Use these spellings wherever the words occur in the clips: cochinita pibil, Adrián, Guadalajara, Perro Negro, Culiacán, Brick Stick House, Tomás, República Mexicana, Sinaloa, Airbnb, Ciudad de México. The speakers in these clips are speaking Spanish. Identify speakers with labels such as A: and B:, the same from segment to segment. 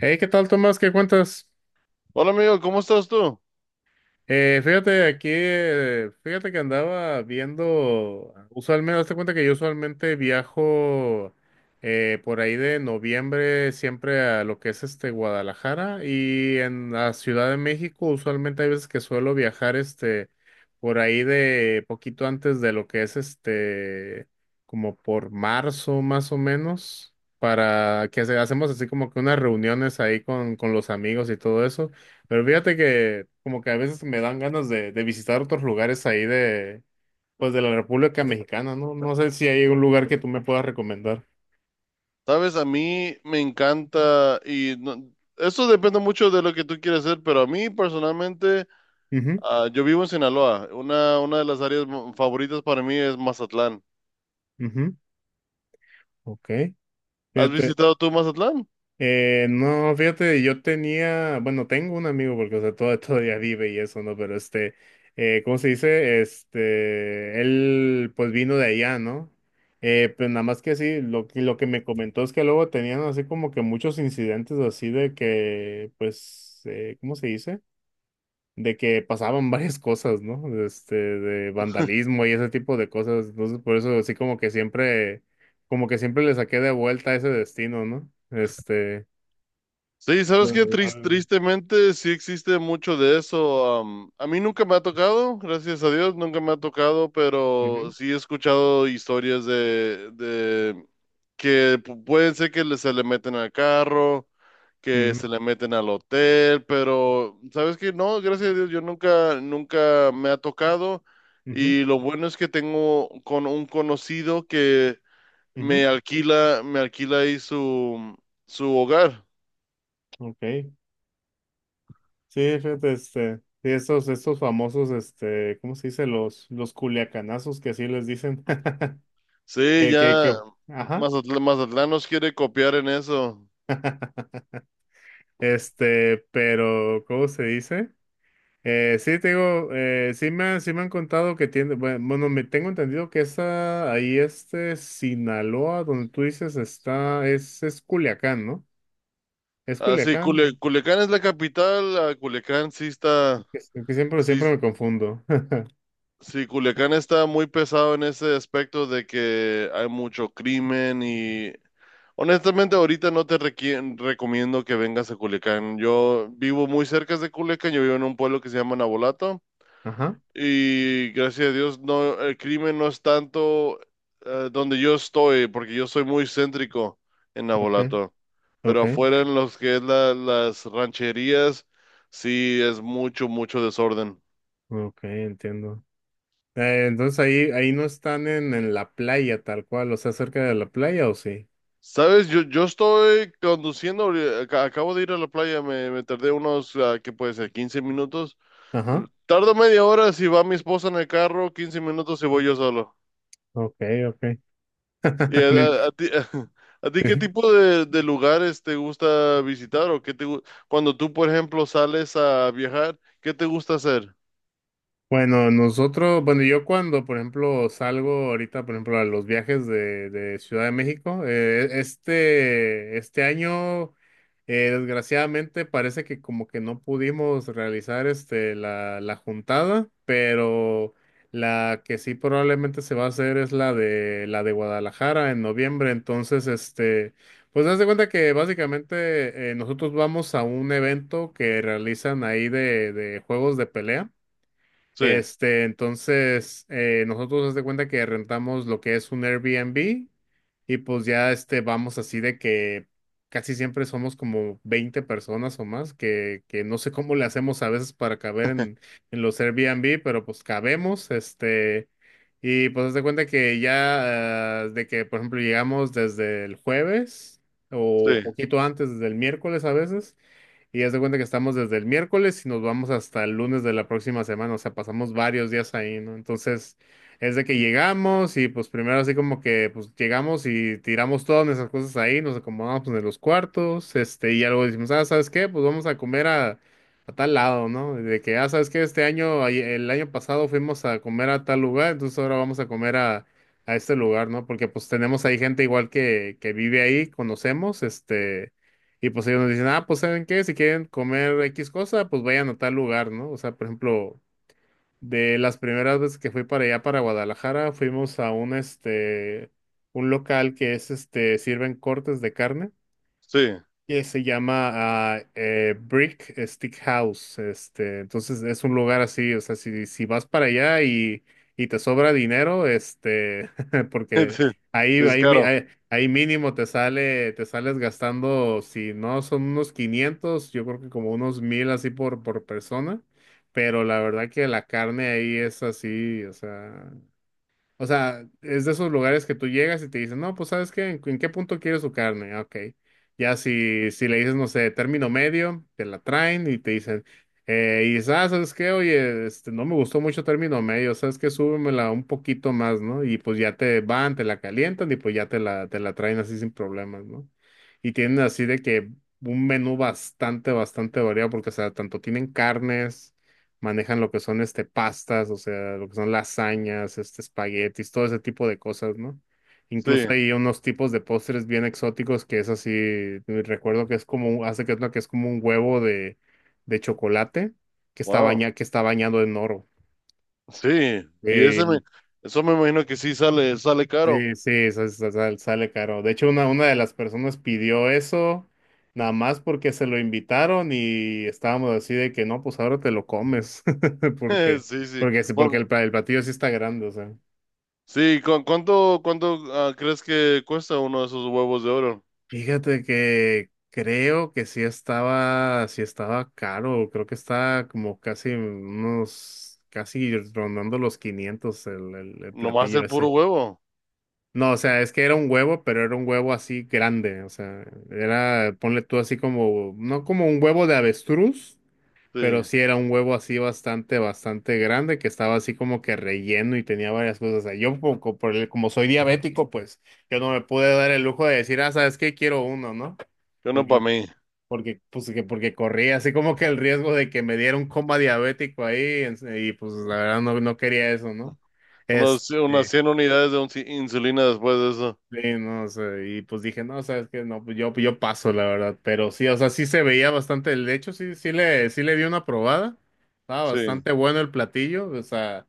A: Hey, ¿qué tal, Tomás? ¿Qué cuentas?
B: Hola amigo, ¿cómo estás tú?
A: Fíjate aquí, fíjate que andaba viendo, usualmente, hazte cuenta que yo usualmente viajo por ahí de noviembre siempre a lo que es Guadalajara y en la Ciudad de México usualmente hay veces que suelo viajar por ahí de poquito antes de lo que es como por marzo más o menos para que hacemos así como que unas reuniones ahí con los amigos y todo eso. Pero fíjate que como que a veces me dan ganas de visitar otros lugares ahí pues de la República Mexicana, ¿no? No sé si hay un lugar que tú me puedas recomendar.
B: Sabes, a mí me encanta y eso depende mucho de lo que tú quieras hacer, pero a mí personalmente,
A: Ujú,
B: yo vivo en Sinaloa. Una de las áreas favoritas para mí es Mazatlán.
A: ujú. Ok.
B: ¿Has
A: Fíjate.
B: visitado tú Mazatlán?
A: No, fíjate, yo tenía, bueno, tengo un amigo porque, o sea, todo, todavía vive y eso, ¿no? Pero ¿cómo se dice? Él pues vino de allá, ¿no? Pero nada más que sí, lo que me comentó es que luego tenían así como que muchos incidentes así de que, pues, ¿cómo se dice? De que pasaban varias cosas, ¿no? De vandalismo y ese tipo de cosas. Entonces, por eso así como que siempre le saqué de vuelta ese destino, ¿no?
B: Sí,
A: La-
B: sabes que
A: la-
B: tristemente sí existe mucho de eso. A mí nunca me ha tocado, gracias a Dios, nunca me ha tocado, pero
A: Ujú,
B: sí he escuchado historias de que pueden ser que se le meten al carro, que
A: ujú,
B: se le meten al hotel, pero sabes que no, gracias a Dios, yo nunca, nunca me ha tocado.
A: ujú,
B: Y lo bueno es que tengo con un conocido que
A: ujú.
B: me alquila ahí su, su hogar.
A: Ok. Sí, fíjate, sí, estos famosos, ¿cómo se dice? Los culiacanazos que así les dicen.
B: Sí,
A: Que, que,
B: ya
A: que, ajá.
B: Mazatlán nos quiere copiar en eso.
A: Pero, ¿cómo se dice? Sí, te digo, sí sí me han contado que tiene, bueno, me tengo entendido que esa, ahí Sinaloa, donde tú dices, es Culiacán, ¿no? Es
B: Así,
A: Culiacán, ¿no?
B: Culiacán es la capital, Culiacán sí está,
A: que, que siempre,
B: sí.
A: siempre me confundo.
B: Sí, Culiacán está muy pesado en ese aspecto de que hay mucho crimen y honestamente ahorita no te recomiendo que vengas a Culiacán. Yo vivo muy cerca de Culiacán, yo vivo en un pueblo que se llama Navolato
A: Ajá.
B: y gracias a Dios no, el crimen no es tanto donde yo estoy porque yo soy muy céntrico en
A: Okay,
B: Navolato, pero
A: okay,
B: afuera en los que es las rancherías sí es mucho, mucho desorden.
A: okay, entiendo. Entonces ahí no están en la playa tal cual, o sea, cerca de la playa o sí.
B: Sabes, yo estoy conduciendo, acabo de ir a la playa, me tardé unos, ¿qué puede ser?, 15 minutos.
A: Ajá,
B: Tardo media hora si va mi esposa en el carro, 15 minutos si voy yo solo.
A: okay, okay.
B: ¿Y a,
A: Me-
B: a ti, a ti qué tipo de lugares te gusta visitar o qué cuando tú, por ejemplo, sales a viajar, ¿qué te gusta hacer?
A: Bueno, yo cuando, por ejemplo, salgo ahorita, por ejemplo, a los viajes de Ciudad de México, este año, desgraciadamente, parece que como que no pudimos realizar la juntada, pero la que sí probablemente se va a hacer es la de Guadalajara en noviembre, entonces, pues haz de cuenta que básicamente nosotros vamos a un evento que realizan ahí de juegos de pelea.
B: Sí,
A: Entonces, nosotros haz de cuenta que rentamos lo que es un Airbnb y pues ya vamos así de que casi siempre somos como 20 personas o más, que no sé cómo le hacemos a veces para caber en los Airbnb, pero pues cabemos, y pues haz de cuenta que ya, de que, por ejemplo, llegamos desde el jueves
B: sí,
A: o poquito antes, desde el miércoles a veces. Y haz de cuenta que estamos desde el miércoles y nos vamos hasta el lunes de la próxima semana, o sea, pasamos varios días ahí, ¿no? Entonces, es de que llegamos y pues primero así como que pues llegamos y tiramos todas nuestras cosas ahí, nos acomodamos pues, en los cuartos, y algo decimos, ah, ¿sabes qué? Pues vamos a comer a tal lado, ¿no? De que, ah, ¿sabes qué? El año pasado fuimos a comer a tal lugar, entonces ahora vamos a comer a este lugar, ¿no? Porque pues tenemos ahí gente igual que vive ahí, conocemos. Y pues ellos nos dicen, ah, pues ¿saben qué? Si quieren comer X cosa, pues vayan a tal lugar, ¿no? O sea, por ejemplo, de las primeras veces que fui para allá, para Guadalajara, fuimos a un local que es, sirven cortes de carne
B: sí,
A: que se llama Brick Stick House. Entonces es un lugar así, o sea, si vas para allá y te sobra dinero, porque
B: sí,
A: ahí,
B: es
A: ahí, mi-
B: caro,
A: ahí, ahí mínimo te sales gastando, si no son unos 500, yo creo que como unos 1,000 así por persona. Pero la verdad que la carne ahí es así, o sea. O sea, es de esos lugares que tú llegas y te dicen, no, pues ¿sabes qué? ¿En qué punto quieres su carne? Ah, Ok. Ya si le dices, no sé, término medio, te la traen y te dicen, y ¿sabes qué? Oye, no me gustó mucho término medio, ¿sabes qué? Súbemela un poquito más, ¿no? Y pues ya te la calientan y pues ya te la traen así sin problemas, ¿no? Y tienen así de que un menú bastante, bastante variado porque, o sea, tanto tienen carnes manejan lo que son pastas, o sea, lo que son lasañas, espaguetis, todo ese tipo de cosas, ¿no? Incluso
B: sí,
A: hay unos tipos de postres bien exóticos que es así, recuerdo que es como, hace que es una que es como un huevo de chocolate que está
B: wow,
A: baña, que está bañado en oro.
B: sí, y ese
A: Eh,
B: eso me imagino que sí sale, sale caro.
A: Sí, sí, sale caro. De hecho, una de las personas pidió eso nada más porque se lo invitaron y estábamos así de que no, pues ahora te lo comes. Porque,
B: Sí, sí.
A: porque, sí- porque
B: Bueno,
A: el, pla- el platillo sí está grande, o sea.
B: sí, ¿cuánto, cuánto crees que cuesta uno de esos huevos de oro?
A: Fíjate que creo que sí estaba caro. Creo que está como casi rondando los 500 el
B: Nomás
A: platillo.
B: el puro huevo.
A: No, o sea, es que era un huevo, pero era un huevo así grande, o sea, era, ponle tú así como, no como un huevo de avestruz,
B: Sí,
A: pero sí era un huevo así bastante, bastante grande, que estaba así como que relleno y tenía varias cosas. O sea, yo como, como por el- como soy diabético, pues yo no me pude dar el lujo de decir, ah, ¿sabes qué? Quiero uno, ¿no?
B: que uno para
A: Porque,
B: mí.
A: porque corría así como que el riesgo de que me diera un coma diabético ahí, y pues la verdad no, no quería eso, ¿no?
B: Unos, unas
A: Este,
B: 100 unidades de insulina después de eso.
A: Sí, no, sé, y pues dije, no, sabes que no, pues yo paso, la verdad, pero sí, o sea, sí se veía bastante, de hecho, sí le di una probada, estaba
B: Sí.
A: bastante bueno el platillo, o sea,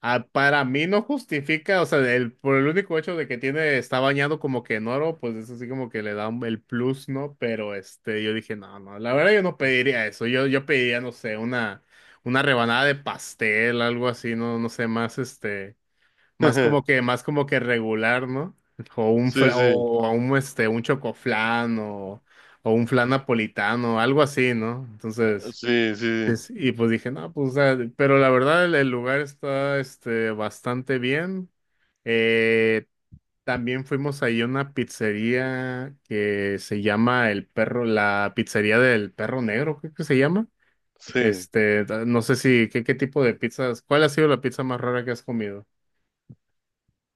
A: para mí no justifica, o sea, el, por el único hecho de que tiene, está bañado como que en oro, pues eso sí como que le da el plus, ¿no? Pero yo dije, no, no, la verdad yo no pediría eso, yo pediría, no sé, una rebanada de pastel, algo así, no, no sé, más. Más como que regular, ¿no? O un
B: Sí,
A: fra-
B: sí,
A: o un este, un chocoflán o un flan napolitano, algo así, ¿no? Entonces,
B: sí, sí,
A: y pues dije, no, pues, o sea, pero la verdad el lugar está bastante bien. Eh, También fuimos ahí a una pizzería que se llama El Perro, la pizzería del Perro Negro, creo que se llama.
B: sí.
A: No sé si, ¿qué tipo de pizzas? ¿Cuál ha sido la pizza más rara que has comido?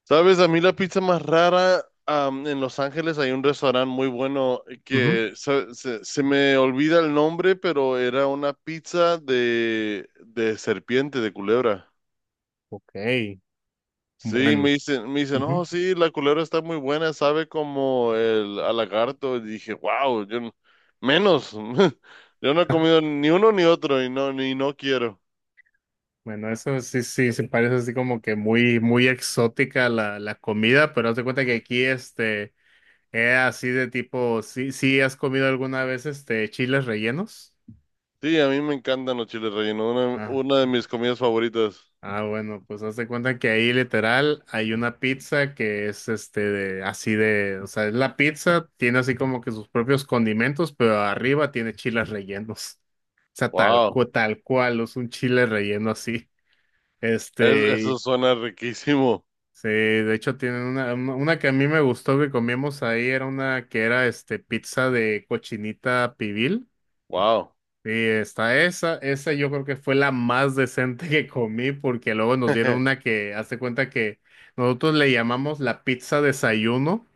B: ¿Sabes? A mí la pizza más rara, am, en Los Ángeles hay un restaurante muy bueno
A: Ujú.
B: que se, se me olvida el nombre, pero era una pizza de serpiente, de culebra.
A: Ok.
B: Sí,
A: Bueno,
B: me dicen, oh,
A: ujú.
B: sí, la culebra está muy buena, sabe como el al lagarto. Y dije, wow, yo menos. Yo no he comido ni uno ni otro y no, ni no quiero.
A: Bueno, eso sí, sí, se parece así como que muy, muy exótica la comida, pero haz de cuenta que aquí, es así de tipo, sí has comido alguna vez, chiles rellenos.
B: Sí, a mí me encantan los chiles rellenos, una,
A: Ah,
B: una de mis comidas favoritas.
A: ah, bueno, pues haz de cuenta que ahí literal hay una pizza que es, o sea, es la pizza, tiene así como que sus propios condimentos, pero arriba tiene chiles rellenos. O sea, tal,
B: Wow,
A: cu- tal cual, es un chile relleno así. Este,
B: eso suena riquísimo.
A: Sí, de hecho tienen una que a mí me gustó que comimos ahí, era una que era pizza de cochinita pibil.
B: Wow,
A: Sí, está esa yo creo que fue la más decente que comí porque luego nos dieron una que, hazte cuenta que nosotros le llamamos la pizza desayuno,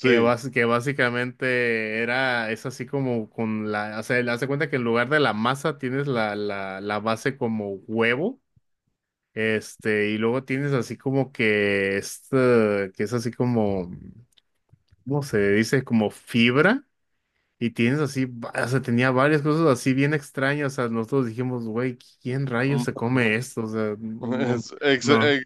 A: que, bas- que básicamente es así como o sea, hazte cuenta que en lugar de la masa tienes la base como huevo. Y luego tienes así como que esta, que es así como, ¿cómo se dice? Como fibra, y tienes así, o sea, tenía varias cosas así bien extrañas, o sea, nosotros dijimos, güey, ¿quién rayos
B: Mm,
A: se come esto? O sea, no,
B: Es ex-
A: no,
B: ex-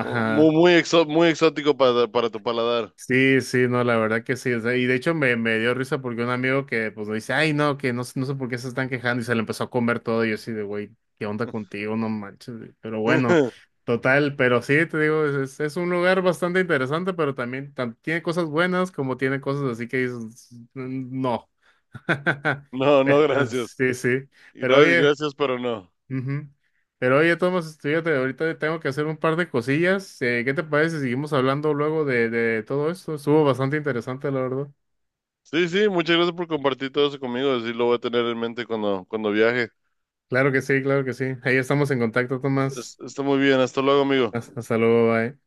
B: muy, muy, muy exótico para tu paladar.
A: Sí, sí, no, la verdad que sí. O sea, y de hecho me dio risa porque un amigo que pues me dice, ay, no, que no, no sé por qué se están quejando y se le empezó a comer todo y yo así de, güey, ¿qué onda contigo? No manches. Güey". Pero bueno, total, pero sí, te digo, es un lugar bastante interesante, pero también tiene cosas buenas como tiene cosas así que dices, "Mm, no.
B: No, no, gracias.
A: Sí, sí. Pero oye.
B: Gracias, pero no.
A: Ujú. Pero oye, Tomás, fíjate, ahorita tengo que hacer un par de cosillas. ¿Qué te parece si seguimos hablando luego de todo esto? Estuvo bastante interesante, la verdad.
B: Sí, sí, muchas gracias por compartir todo eso conmigo. Así lo voy a tener en mente cuando, cuando viaje.
A: Claro que sí, claro que sí. Ahí estamos en contacto, Tomás.
B: Está muy bien. Hasta luego, amigo.
A: Hasta luego, bye.